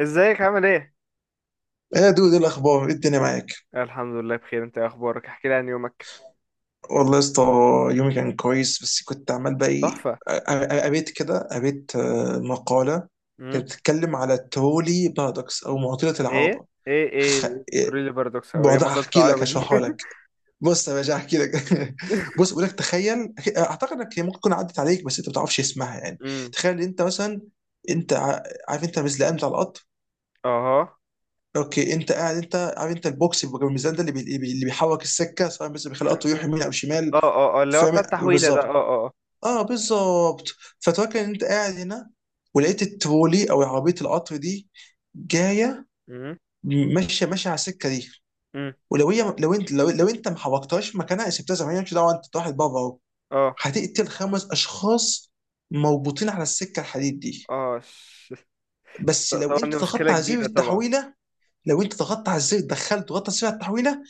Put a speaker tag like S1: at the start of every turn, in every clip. S1: ازيك عامل ايه؟
S2: ايه يا دود، إيه الاخبار، ايه الدنيا معاك؟
S1: الحمد لله بخير. انت ايه اخبارك؟ احكي لي عن يومك.
S2: والله يا اسطى، يومي كان كويس، بس كنت عمال بقى ايه.
S1: تحفه.
S2: قريت كده، قريت آه، مقاله
S1: امم.
S2: كانت بتتكلم على الترولي بارادوكس او معضله
S1: ايه،
S2: العربه.
S1: ايه، ايه.
S2: خ- إيه،
S1: تريلي بارادوكس او ايه
S2: بعدها
S1: مضلت
S2: هحكي لك،
S1: العربه دي؟
S2: هشرحها لك. بص يا باشا، هحكي لك. بص، بقول لك تخيل، اعتقد انك هي ممكن تكون عدت عليك بس انت ما بتعرفش اسمها يعني.
S1: امم.
S2: تخيل إن انت مثلا، انت ع- عارف انت المزلقان بتاع القطر.
S1: اها.
S2: اوكي، انت قاعد، انت عارف انت البوكس اللي جنب الميزان ده، اللي بيحرك السكه سواء، بس بيخلي
S1: امم،
S2: القطر يروح يمين او شمال.
S1: اه، اه، اه، اللي هو
S2: فاهم،
S1: بتاع التحويله ده. اه،
S2: بالظبط،
S1: اه، اه.
S2: اه بالظبط. فتفكر ان انت قاعد هنا، ولقيت الترولي او عربيه القطر دي جايه
S1: امم،
S2: ماشيه ماشيه على السكه دي.
S1: امم.
S2: ولو هي، لو انت ما حركتهاش مكانها، سبتها زي ما هي، مش دعوه انت، واحد بره اهو،
S1: اه،
S2: هتقتل خمس اشخاص مربوطين على السكه الحديد دي.
S1: اه،
S2: بس لو
S1: طبعا دي
S2: انت ضغطت
S1: مشكله
S2: على زر
S1: كبيره طبعا.
S2: التحويله، لو انت ضغطت على الزر، دخلت ضغطت على زر التحويله،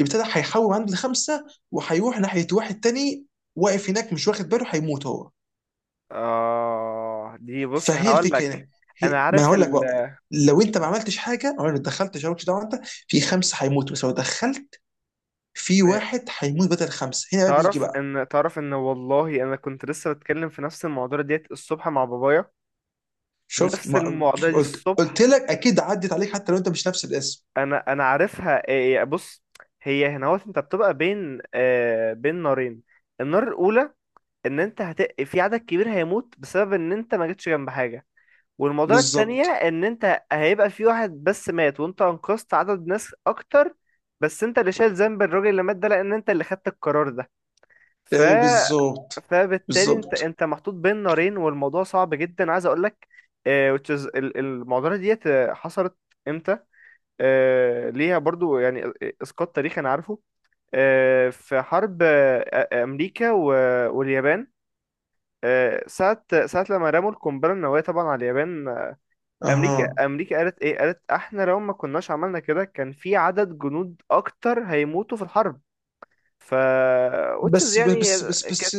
S2: ابتدى هيحول عند الخمسه، وهيروح ناحيه واحد تاني واقف هناك مش واخد باله، هيموت هو.
S1: اه، دي بص
S2: فهي
S1: هقول
S2: الفكره
S1: لك.
S2: هنا.
S1: انا
S2: هي، ما
S1: عارف
S2: هقول لك بقى، لو انت ما عملتش حاجه او ما دخلتش، مالكش دعوه انت، في خمسه هيموتوا، بس لو دخلت، في واحد هيموت بدل خمسه. هنا بقى بيجي
S1: تعرف
S2: بقى.
S1: ان تعرف ان والله انا كنت لسه بتكلم في نفس المواضيع ديت الصبح مع بابايا.
S2: شفت
S1: نفس
S2: ما
S1: المواضيع دي
S2: قلت
S1: الصبح.
S2: لك، اكيد عدت عليك حتى لو انت مش نفس الاسم.
S1: انا عارفها. إيه، بص. هي هنا هو انت بتبقى بين نارين. النار الاولى، ان انت في عدد كبير هيموت بسبب ان انت ما جيتش جنب حاجه. والموضوع التانية،
S2: بالظبط،
S1: ان انت هيبقى في واحد بس مات وانت انقذت عدد ناس اكتر. بس انت اللي شايل ذنب الراجل اللي مات ده لان انت اللي خدت القرار ده. ف...
S2: ايوه بالظبط.
S1: فبالتالي انت
S2: بالظبط.
S1: انت محطوط بين نارين، والموضوع صعب جدا عايز اقول لك. المعضله ديت حصلت. امتى؟ ليها برضو يعني اسقاط تاريخي انا عارفه. في حرب امريكا و- واليابان. ساعة لما رموا القنبلة النووية طبعا على اليابان أمريكا
S2: اها.
S1: أمريكا قالت إيه؟ قالت إحنا لو ما كناش عملنا كده كان في عدد جنود أكتر هيموتوا في الحرب. ف which is
S2: بس
S1: يعني
S2: بس بس
S1: كانت.
S2: بس،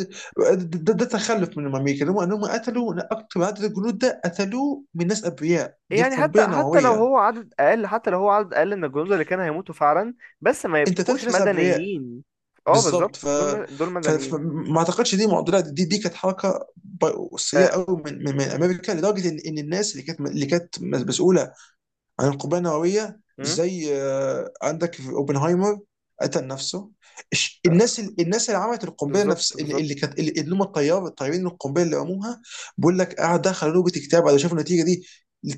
S2: ده تخلف من الامريكا، انهم قتلوا اكتر عدد، الجنود ده قتلوه من ناس ابرياء، دي
S1: يعني
S2: قنبله نوويه.
S1: حتى لو هو عدد أقل من الجنود اللي كانوا هيموتوا فعلا، بس ما
S2: انت قتلت
S1: يبقوش
S2: ناس ابرياء.
S1: مدنيين. اه بالظبط،
S2: بالظبط.
S1: دول مدنيين.
S2: فما اعتقدش دي معضله، دي كانت حركه سيئه
S1: آه،
S2: قوي من امريكا، لدرجه ان الناس اللي كانت مسؤوله عن القنبله النوويه،
S1: مم.
S2: زي، عندك في اوبنهايمر، قتل نفسه. الناس، الناس اللي عملت القنبله،
S1: بالظبط،
S2: نفس اللي
S1: بالظبط.
S2: اللي كانت، اللي هم الطيار، الطيارين، القنبله اللي رموها، بيقول لك قعد دخل نوبه اكتئاب على شافوا النتيجه دي.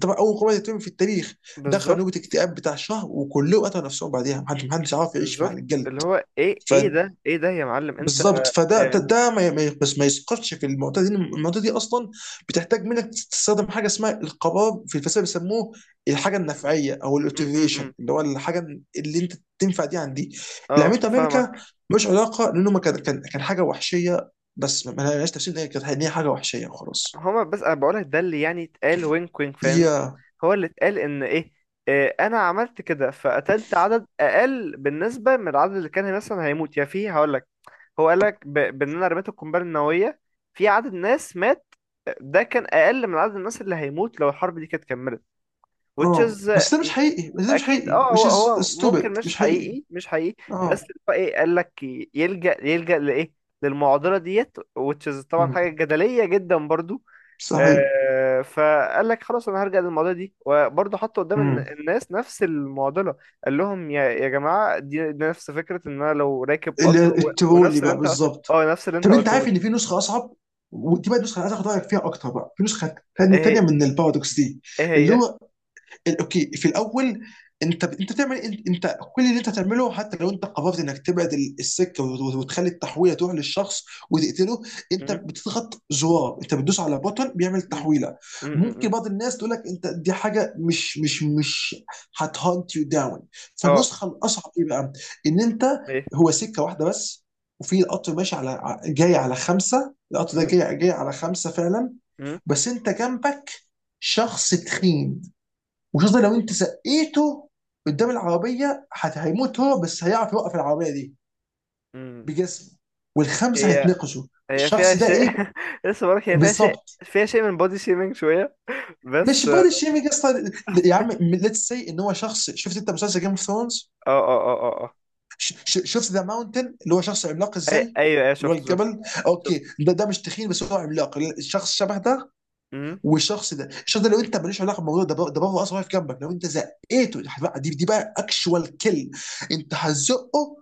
S2: طبعا اول قنبله تترمي في التاريخ، دخل
S1: بالظبط،
S2: نوبه اكتئاب بتاع شهر، وكلهم قتلوا نفسهم بعديها. محدش عارف يعيش مع
S1: بالظبط.
S2: الجلد.
S1: اللي هو ايه؟
S2: ف،
S1: ايه ده؟ ايه ده يا معلم انت؟
S2: بالظبط. فده ده,
S1: اه.
S2: ده بس ما يسقطش في المعضله دي. المعضله دي اصلا بتحتاج منك تستخدم حاجه اسمها القرار. في الفلسفه بيسموه الحاجه
S1: م-
S2: النفعيه او الاوتيفيشن،
S1: م.
S2: اللي هو الحاجه اللي انت تنفع دي عن دي. اللي
S1: اه،
S2: عملته امريكا
S1: فاهمك.
S2: مش علاقه، لانه ما كان حاجه وحشيه، بس ما ما لهاش تفسير ان هي كانت، ان هي حاجه وحشيه وخلاص.
S1: بس انا بقولك ده اللي يعني اتقال، وينك، وينك، فاهمني.
S2: يا،
S1: هو اللي اتقال ان ايه. اه، انا عملت كده فقتلت عدد اقل بالنسبه من العدد اللي كان مثلا هيموت، يا فيه هقولك. هو قالك ب- بان انا رميت القنبله النوويه، في عدد ناس مات. ده كان اقل من عدد الناس اللي هيموت لو الحرب دي كانت كملت. which
S2: اه
S1: is.
S2: بس ده مش حقيقي، بس ده مش
S1: اكيد.
S2: حقيقي،
S1: اه،
S2: which
S1: هو
S2: is
S1: هو ممكن
S2: stupid، مش
S1: مش
S2: حقيقي.
S1: حقيقي، مش حقيقي. بس
S2: اه.
S1: اللي هو ايه قال لك يلجأ لايه؟ للمعضله ديت which is طبعا
S2: مم.
S1: حاجه جدليه جدا برضو.
S2: صحيح.
S1: فقال لك خلاص انا هرجع للمعضله دي، وبرضو حط قدام
S2: مم.
S1: الناس نفس المعضله. قال لهم يا جماعه، دي نفس فكره ان انا لو راكب قطر
S2: الترولي
S1: ونفس اللي
S2: بقى،
S1: انت.
S2: بالظبط.
S1: اه، نفس اللي انت
S2: طب انت
S1: قلته
S2: عارف
S1: لي.
S2: ان في نسخه اصعب، ودي بقى النسخه اللي عايز اخد رايك فيها اكتر بقى، في نسخه تانية تانية
S1: ايه؟
S2: من البارادوكس دي.
S1: هي ايه
S2: اللي
S1: هي؟
S2: هو، اوكي، في الاول، انت بتعمل انت، أنت كل اللي انت تعمله حتى لو انت قررت انك تبعد السكه وتخلي التحويله تروح للشخص وتقتله، انت
S1: م-
S2: بتضغط زرار، انت بتدوس على بوتن بيعمل
S1: م-
S2: تحويله. ممكن
S1: م.
S2: بعض الناس تقول لك انت دي حاجه مش مش مش هتهانت يو داون.
S1: اه،
S2: فالنسخه الاصعب ايه بقى؟ ان انت،
S1: ايه؟
S2: هو سكه واحده بس، وفي القطر ماشي على جاي على خمسه. القطر ده
S1: م-
S2: جاي على خمسه فعلا،
S1: م-
S2: بس انت جنبك شخص تخين، وخاصة لو انت سقيته قدام العربية، هيموت هو، بس هيعرف يوقف العربية دي
S1: م.
S2: بجسمه، والخمسة
S1: هي
S2: هيتنقشوا.
S1: هي فيها
S2: الشخص ده
S1: شيء
S2: ايه.
S1: لسه بقولك، هي فيها شيء،
S2: بالظبط.
S1: فيها شيء من بودي شيمينج شوية.
S2: مش
S1: بس اه.
S2: بادي شيمينج اصلا. يا عم، ليتس سي، ان هو شخص، شفت انت مسلسل جيم اوف ثرونز؟
S1: اه، اه، اه، اه.
S2: شفت ذا ماونتن، اللي هو شخص عملاق
S1: آه.
S2: ازاي،
S1: ايوه، ايوه،
S2: اللي هو
S1: شفت، شفت.
S2: الجبل.
S1: شفت.
S2: اوكي، ده مش تخين بس هو عملاق، الشخص شبه ده.
S1: امم.
S2: والشخص ده، الشخص ده، لو انت ماليش علاقه بالموضوع ده ده بره اصلا، واقف جنبك، لو انت زقيته، دي بقى، دي بقى اكشوال كل، انت هتزقه،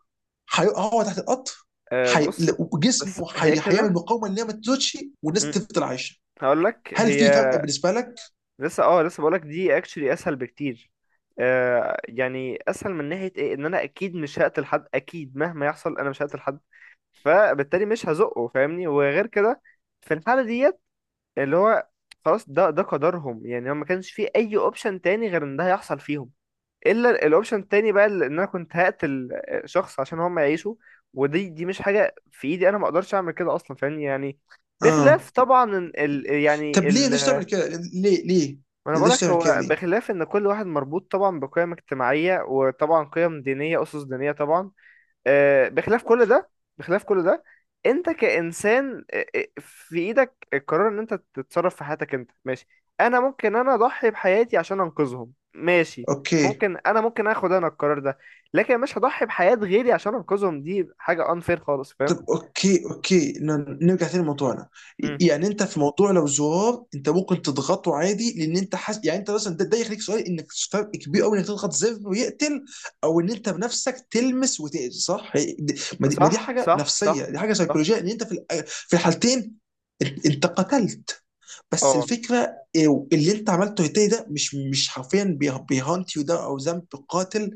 S2: هو تحت القطر. حي...
S1: بص. بس
S2: جسمه،
S1: هي
S2: هيعمل
S1: كده.
S2: مقاومه ان هي ما تزودش والناس
S1: امم.
S2: تفضل عايشه.
S1: هقول لك
S2: هل
S1: هي.
S2: في فرق بالنسبه لك؟
S1: لسه بقول لك دي اكشلي اسهل بكتير. يعني اسهل من ناحيه ايه، ان انا اكيد مش هقتل حد، اكيد مهما يحصل انا مش هقتل حد. فبالتالي مش هزقه، فاهمني. وغير كده، في الحاله ديت، اللي هو، خلاص ده قدرهم، يعني هو ما كانش فيه اي اوبشن تاني غير ان ده هيحصل فيهم. الا الاوبشن التاني بقى ان انا كنت هقتل شخص عشان هم يعيشوا. ودي مش حاجه في ايدي، انا ما اقدرش اعمل كده اصلا، فاهمني يعني.
S2: اه.
S1: بخلاف طبعا إن ال يعني
S2: طب ليه،
S1: ال
S2: ليش تعمل كده؟ ليه ليه؟
S1: ما انا
S2: ليش
S1: بقولك،
S2: تعمل كده
S1: هو
S2: ليه؟
S1: بخلاف ان كل واحد مربوط طبعا بقيم اجتماعيه وطبعا قيم دينيه، اسس دينيه طبعا. بخلاف كل ده. بخلاف كل ده. انت كإنسان في ايدك القرار ان انت تتصرف في حياتك، انت ماشي. انا ممكن انا اضحي بحياتي عشان انقذهم، ماشي.
S2: اوكي.
S1: ممكن انا اخد انا القرار ده. لكن مش هضحي بحياة غيري عشان انقذهم، دي حاجة unfair خالص، فاهم؟
S2: طب اوكي، اوكي نرجع تاني لموضوعنا.
S1: امم.
S2: يعني انت في موضوع لو زرار انت ممكن تضغطه عادي، لان انت حاسس يعني انت مثلا، ده يخليك سؤال، انك فرق كبير قوي انك تضغط زر ويقتل، او ان انت بنفسك تلمس وتأذي، صح؟ ما دي، ما دي
S1: صح،
S2: حاجه
S1: صح،
S2: نفسيه،
S1: صح.
S2: دي حاجه
S1: صح.
S2: سيكولوجيه، ان انت في في الحالتين انت قتلت. بس
S1: اه،
S2: الفكره، اللي انت عملته تاني، ده مش، مش حرفيا بيهانت يو ده او ذنب قاتل،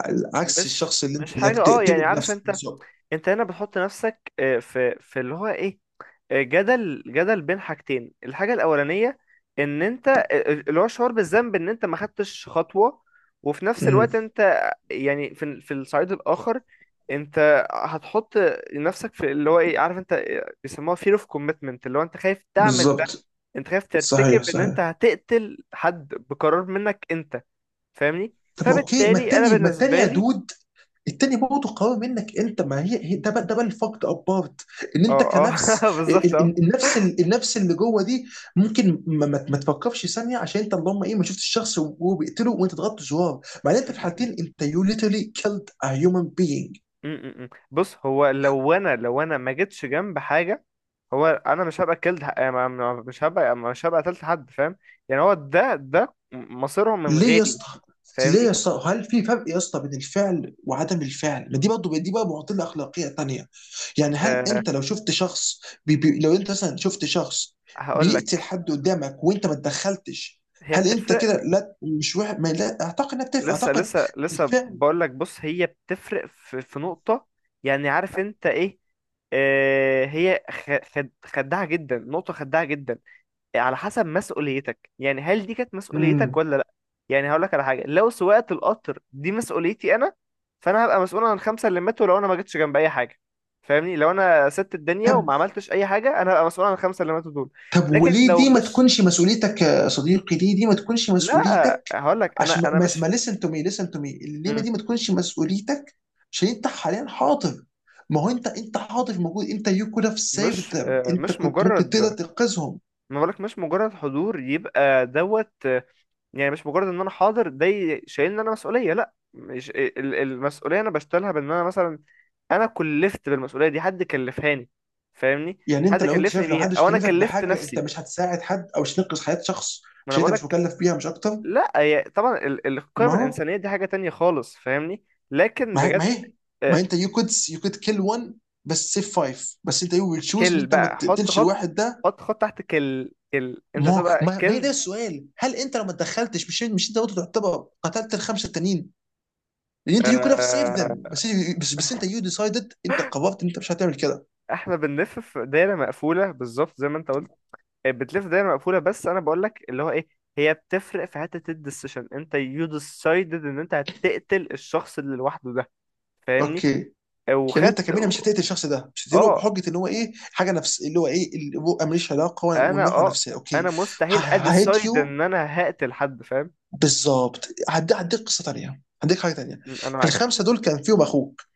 S2: على عكس
S1: مش
S2: الشخص اللي انت
S1: مش
S2: بدك
S1: حاجة،
S2: تقتله
S1: يعني عارف
S2: بنفسك
S1: انت.
S2: بالظبط.
S1: انت هنا بتحط نفسك في اللي هو ايه، جدل بين حاجتين. الحاجة الأولانية، إن أنت، اللي هو الشعور بالذنب إن أنت ما خدتش خطوة. وفي نفس
S2: امم.
S1: الوقت أنت، يعني في الصعيد الآخر، أنت هتحط نفسك في اللي هو إيه، عارف أنت. بيسموها fear of commitment، اللي هو أنت خايف تعمل ده.
S2: بالظبط.
S1: أنت خايف
S2: صحيح
S1: ترتكب إن أنت
S2: صحيح.
S1: هتقتل حد بقرار منك أنت. فاهمني،
S2: طب ما اوكي، ما
S1: فبالتالي أنا
S2: التاني ما التاني
S1: بالنسبة
S2: يا
S1: لي.
S2: دود، التاني برضه قوي منك انت، ما هي، ده بقى الفرق ابارت، ان انت
S1: اه، اه،
S2: كنفس
S1: بالظبط.
S2: النفس، النفس اللي جوه دي، ممكن ما, ما ما تفكرش ثانيه، عشان انت اللهم ايه ما شفتش الشخص وهو بيقتله، وانت ضغطت زرار. مع ان انت في
S1: اه.
S2: الحالتين انت، يو literally killed a human being.
S1: م- م- م. بص، هو لو انا ما جيتش جنب حاجه، هو انا مش هبقى كلت يعني مش هبقى قتلت حد، فاهم؟ يعني هو ده مصيرهم من
S2: ليه يا
S1: غيري،
S2: اسطى؟ ليه يا
S1: فاهمني.
S2: اسطى؟ هل في فرق يا اسطى بين الفعل وعدم الفعل؟ ما دي برضه دي بقى معضله اخلاقيه تانيه. يعني هل
S1: أه
S2: انت لو شفت شخص، بي بي لو انت مثلا شفت شخص
S1: هقول
S2: بيقتل
S1: لك،
S2: حد قدامك وانت ما اتدخلتش،
S1: هي
S2: هل انت
S1: بتفرق.
S2: كده، لا، مش واحد، ما لا اعتقد، انك تف،
S1: لسه
S2: اعتقد
S1: لسه لسه
S2: الفعل.
S1: بقول لك، بص، هي بتفرق في نقطه. يعني عارف انت ايه، هي خ- خد خداعه جدا، نقطه خداعه جدا. على حسب مسؤوليتك، يعني هل دي كانت مسؤوليتك
S2: امم.
S1: ولا لا؟ يعني هقول لك على حاجه، لو سواقه القطر دي مسؤوليتي انا، فانا هبقى مسؤول عن الخمسه اللي ماتوا لو انا ما جيتش جنب اي حاجه. فاهمني، لو انا سبت الدنيا
S2: طب،
S1: وما عملتش اي حاجه، انا هبقى مسؤول عن الخمسه اللي ماتوا دول.
S2: طب
S1: لكن
S2: وليه
S1: لو
S2: دي ما
S1: مش،
S2: تكونش مسؤوليتك يا صديقي؟ ليه دي ما تكونش
S1: لا
S2: مسؤوليتك؟
S1: هقول لك، انا
S2: عشان ما
S1: انا
S2: ما
S1: مش.
S2: ما listen to me، listen to me، الليمه
S1: مم.
S2: دي ما تكونش مسؤوليتك عشان انت حاليا حاضر. ما هو انت حاضر موجود، انت you could have saved them، انت
S1: مش
S2: كنت ممكن تقدر
S1: مجرد،
S2: تنقذهم.
S1: ما بقولك، مش مجرد حضور يبقى دوت. يعني مش مجرد ان انا حاضر ده شايلني انا مسؤوليه. لا، مش المسؤوليه انا بشتغلها بان انا مثلا انا كلفت بالمسؤوليه دي، حد كلفهاني، فاهمني.
S2: يعني انت،
S1: حد
S2: لو انت
S1: كلفني
S2: شايف لو
S1: بيها،
S2: حدش
S1: او انا
S2: كلفك
S1: كلفت
S2: بحاجه، انت
S1: نفسي.
S2: مش هتساعد حد او مش تنقذ حياه شخص
S1: ما انا
S2: عشان انت مش
S1: بقولك،
S2: مكلف بيها، مش اكتر؟
S1: لا هي طبعا
S2: ما
S1: القيم
S2: هو،
S1: الانسانيه دي حاجه تانية خالص، فاهمني. لكن
S2: ما هي ما
S1: بجد،
S2: هي ما
S1: آه،
S2: انت، you could kill one بس save five، بس انت you will choose ان
S1: كل
S2: انت ما
S1: بقى، حط
S2: تقتلش
S1: خط،
S2: الواحد ده.
S1: حط خط تحت كل انت
S2: ما
S1: تبقى
S2: ما ما هي ده
S1: كلب.
S2: السؤال، هل انت لو ما اتدخلتش، مش، مش انت برضه تعتبر قتلت الخمسه التانيين؟ لان انت يو كود هاف سيف ذم.
S1: آه،
S2: بس، بس بس انت يو ديسايدد، انت قررت ان انت مش هتعمل كده.
S1: احنا بنلف في دايره مقفوله بالظبط زي ما انت قلت. بتلف دايره مقفوله، بس انا بقول لك اللي هو ايه، هي بتفرق في حته الديسيشن، انت يو ديسايدد ان انت هتقتل الشخص اللي لوحده ده، فاهمني.
S2: اوكي. يعني انت
S1: وخدت.
S2: كمينة مش هتقتل الشخص ده، مش هتقتله
S1: اه،
S2: بحجه ان هو ايه حاجه، نفس اللي هو ايه البؤه، ماليش علاقه
S1: انا
S2: والنوع نفسيه. اوكي.
S1: انا مستحيل
S2: هيت
S1: اديسايد
S2: يو.
S1: ان انا هقتل حد، فاهم؟
S2: بالظبط. هديك قصه تانيه، هديك حاجه تانيه.
S1: انا
S2: في
S1: معاك.
S2: الخمسه دول كان فيهم اخوك.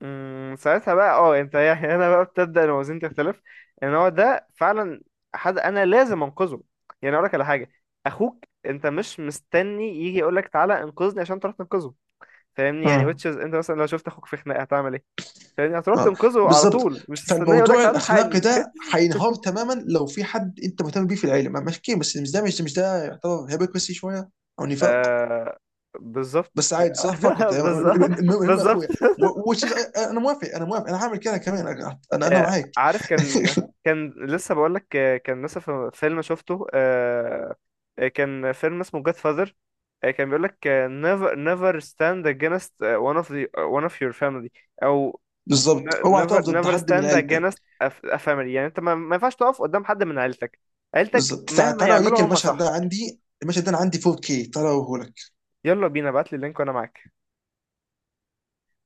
S1: ساعتها بقى، اه، انت يعني هنا بقى بتبدا الموازين تختلف، ان هو ده فعلا حد انا لازم انقذه. يعني اقول لك على حاجه، اخوك انت مش مستني يجي يقول لك تعالى انقذني عشان تروح تنقذه. فاهمني يعني، which
S2: اه
S1: is انت مثلا لو شفت اخوك في خناقه هتعمل ايه؟ فاهمني، هتروح
S2: اه
S1: تنقذه على
S2: بالظبط.
S1: طول، مش تستناه يقول لك
S2: فالموضوع
S1: تعالى الحقني.
S2: الاخلاقي ده هينهار تماما لو في حد انت مهتم بيه في العيله، ماشي، بس مش ده، مش ده، مش ده يعتبر هيبوكريسي شويه او نفاق.
S1: آه بالظبط
S2: بس عادي، صح، فكت. المهم،
S1: بالظبط،
S2: المهم يا
S1: بالظبط
S2: اخويا، which is، انا موافق، انا هعمل كده كمان انا، انا
S1: آه،
S2: معاك.
S1: عارف كان، كان لسه بقول لك، كان لسه في فيلم شفته، كان فيلم اسمه جاد فاذر. كان بيقول لك never never stand against one of your family. او
S2: بالظبط. اوعى
S1: never
S2: تقف ضد
S1: never
S2: حد من
S1: stand
S2: عيلتك.
S1: against a family، يعني انت ما ينفعش تقف قدام حد من عيلتك. عيلتك
S2: بالظبط.
S1: مهما
S2: تعالى
S1: يعملوا
S2: اوريك
S1: هم،
S2: المشهد ده،
S1: صح؟
S2: عندي المشهد ده، انا عندي 4K، تعالى اوريه.
S1: يلا بينا، ابعت لي اللينك وانا معاك.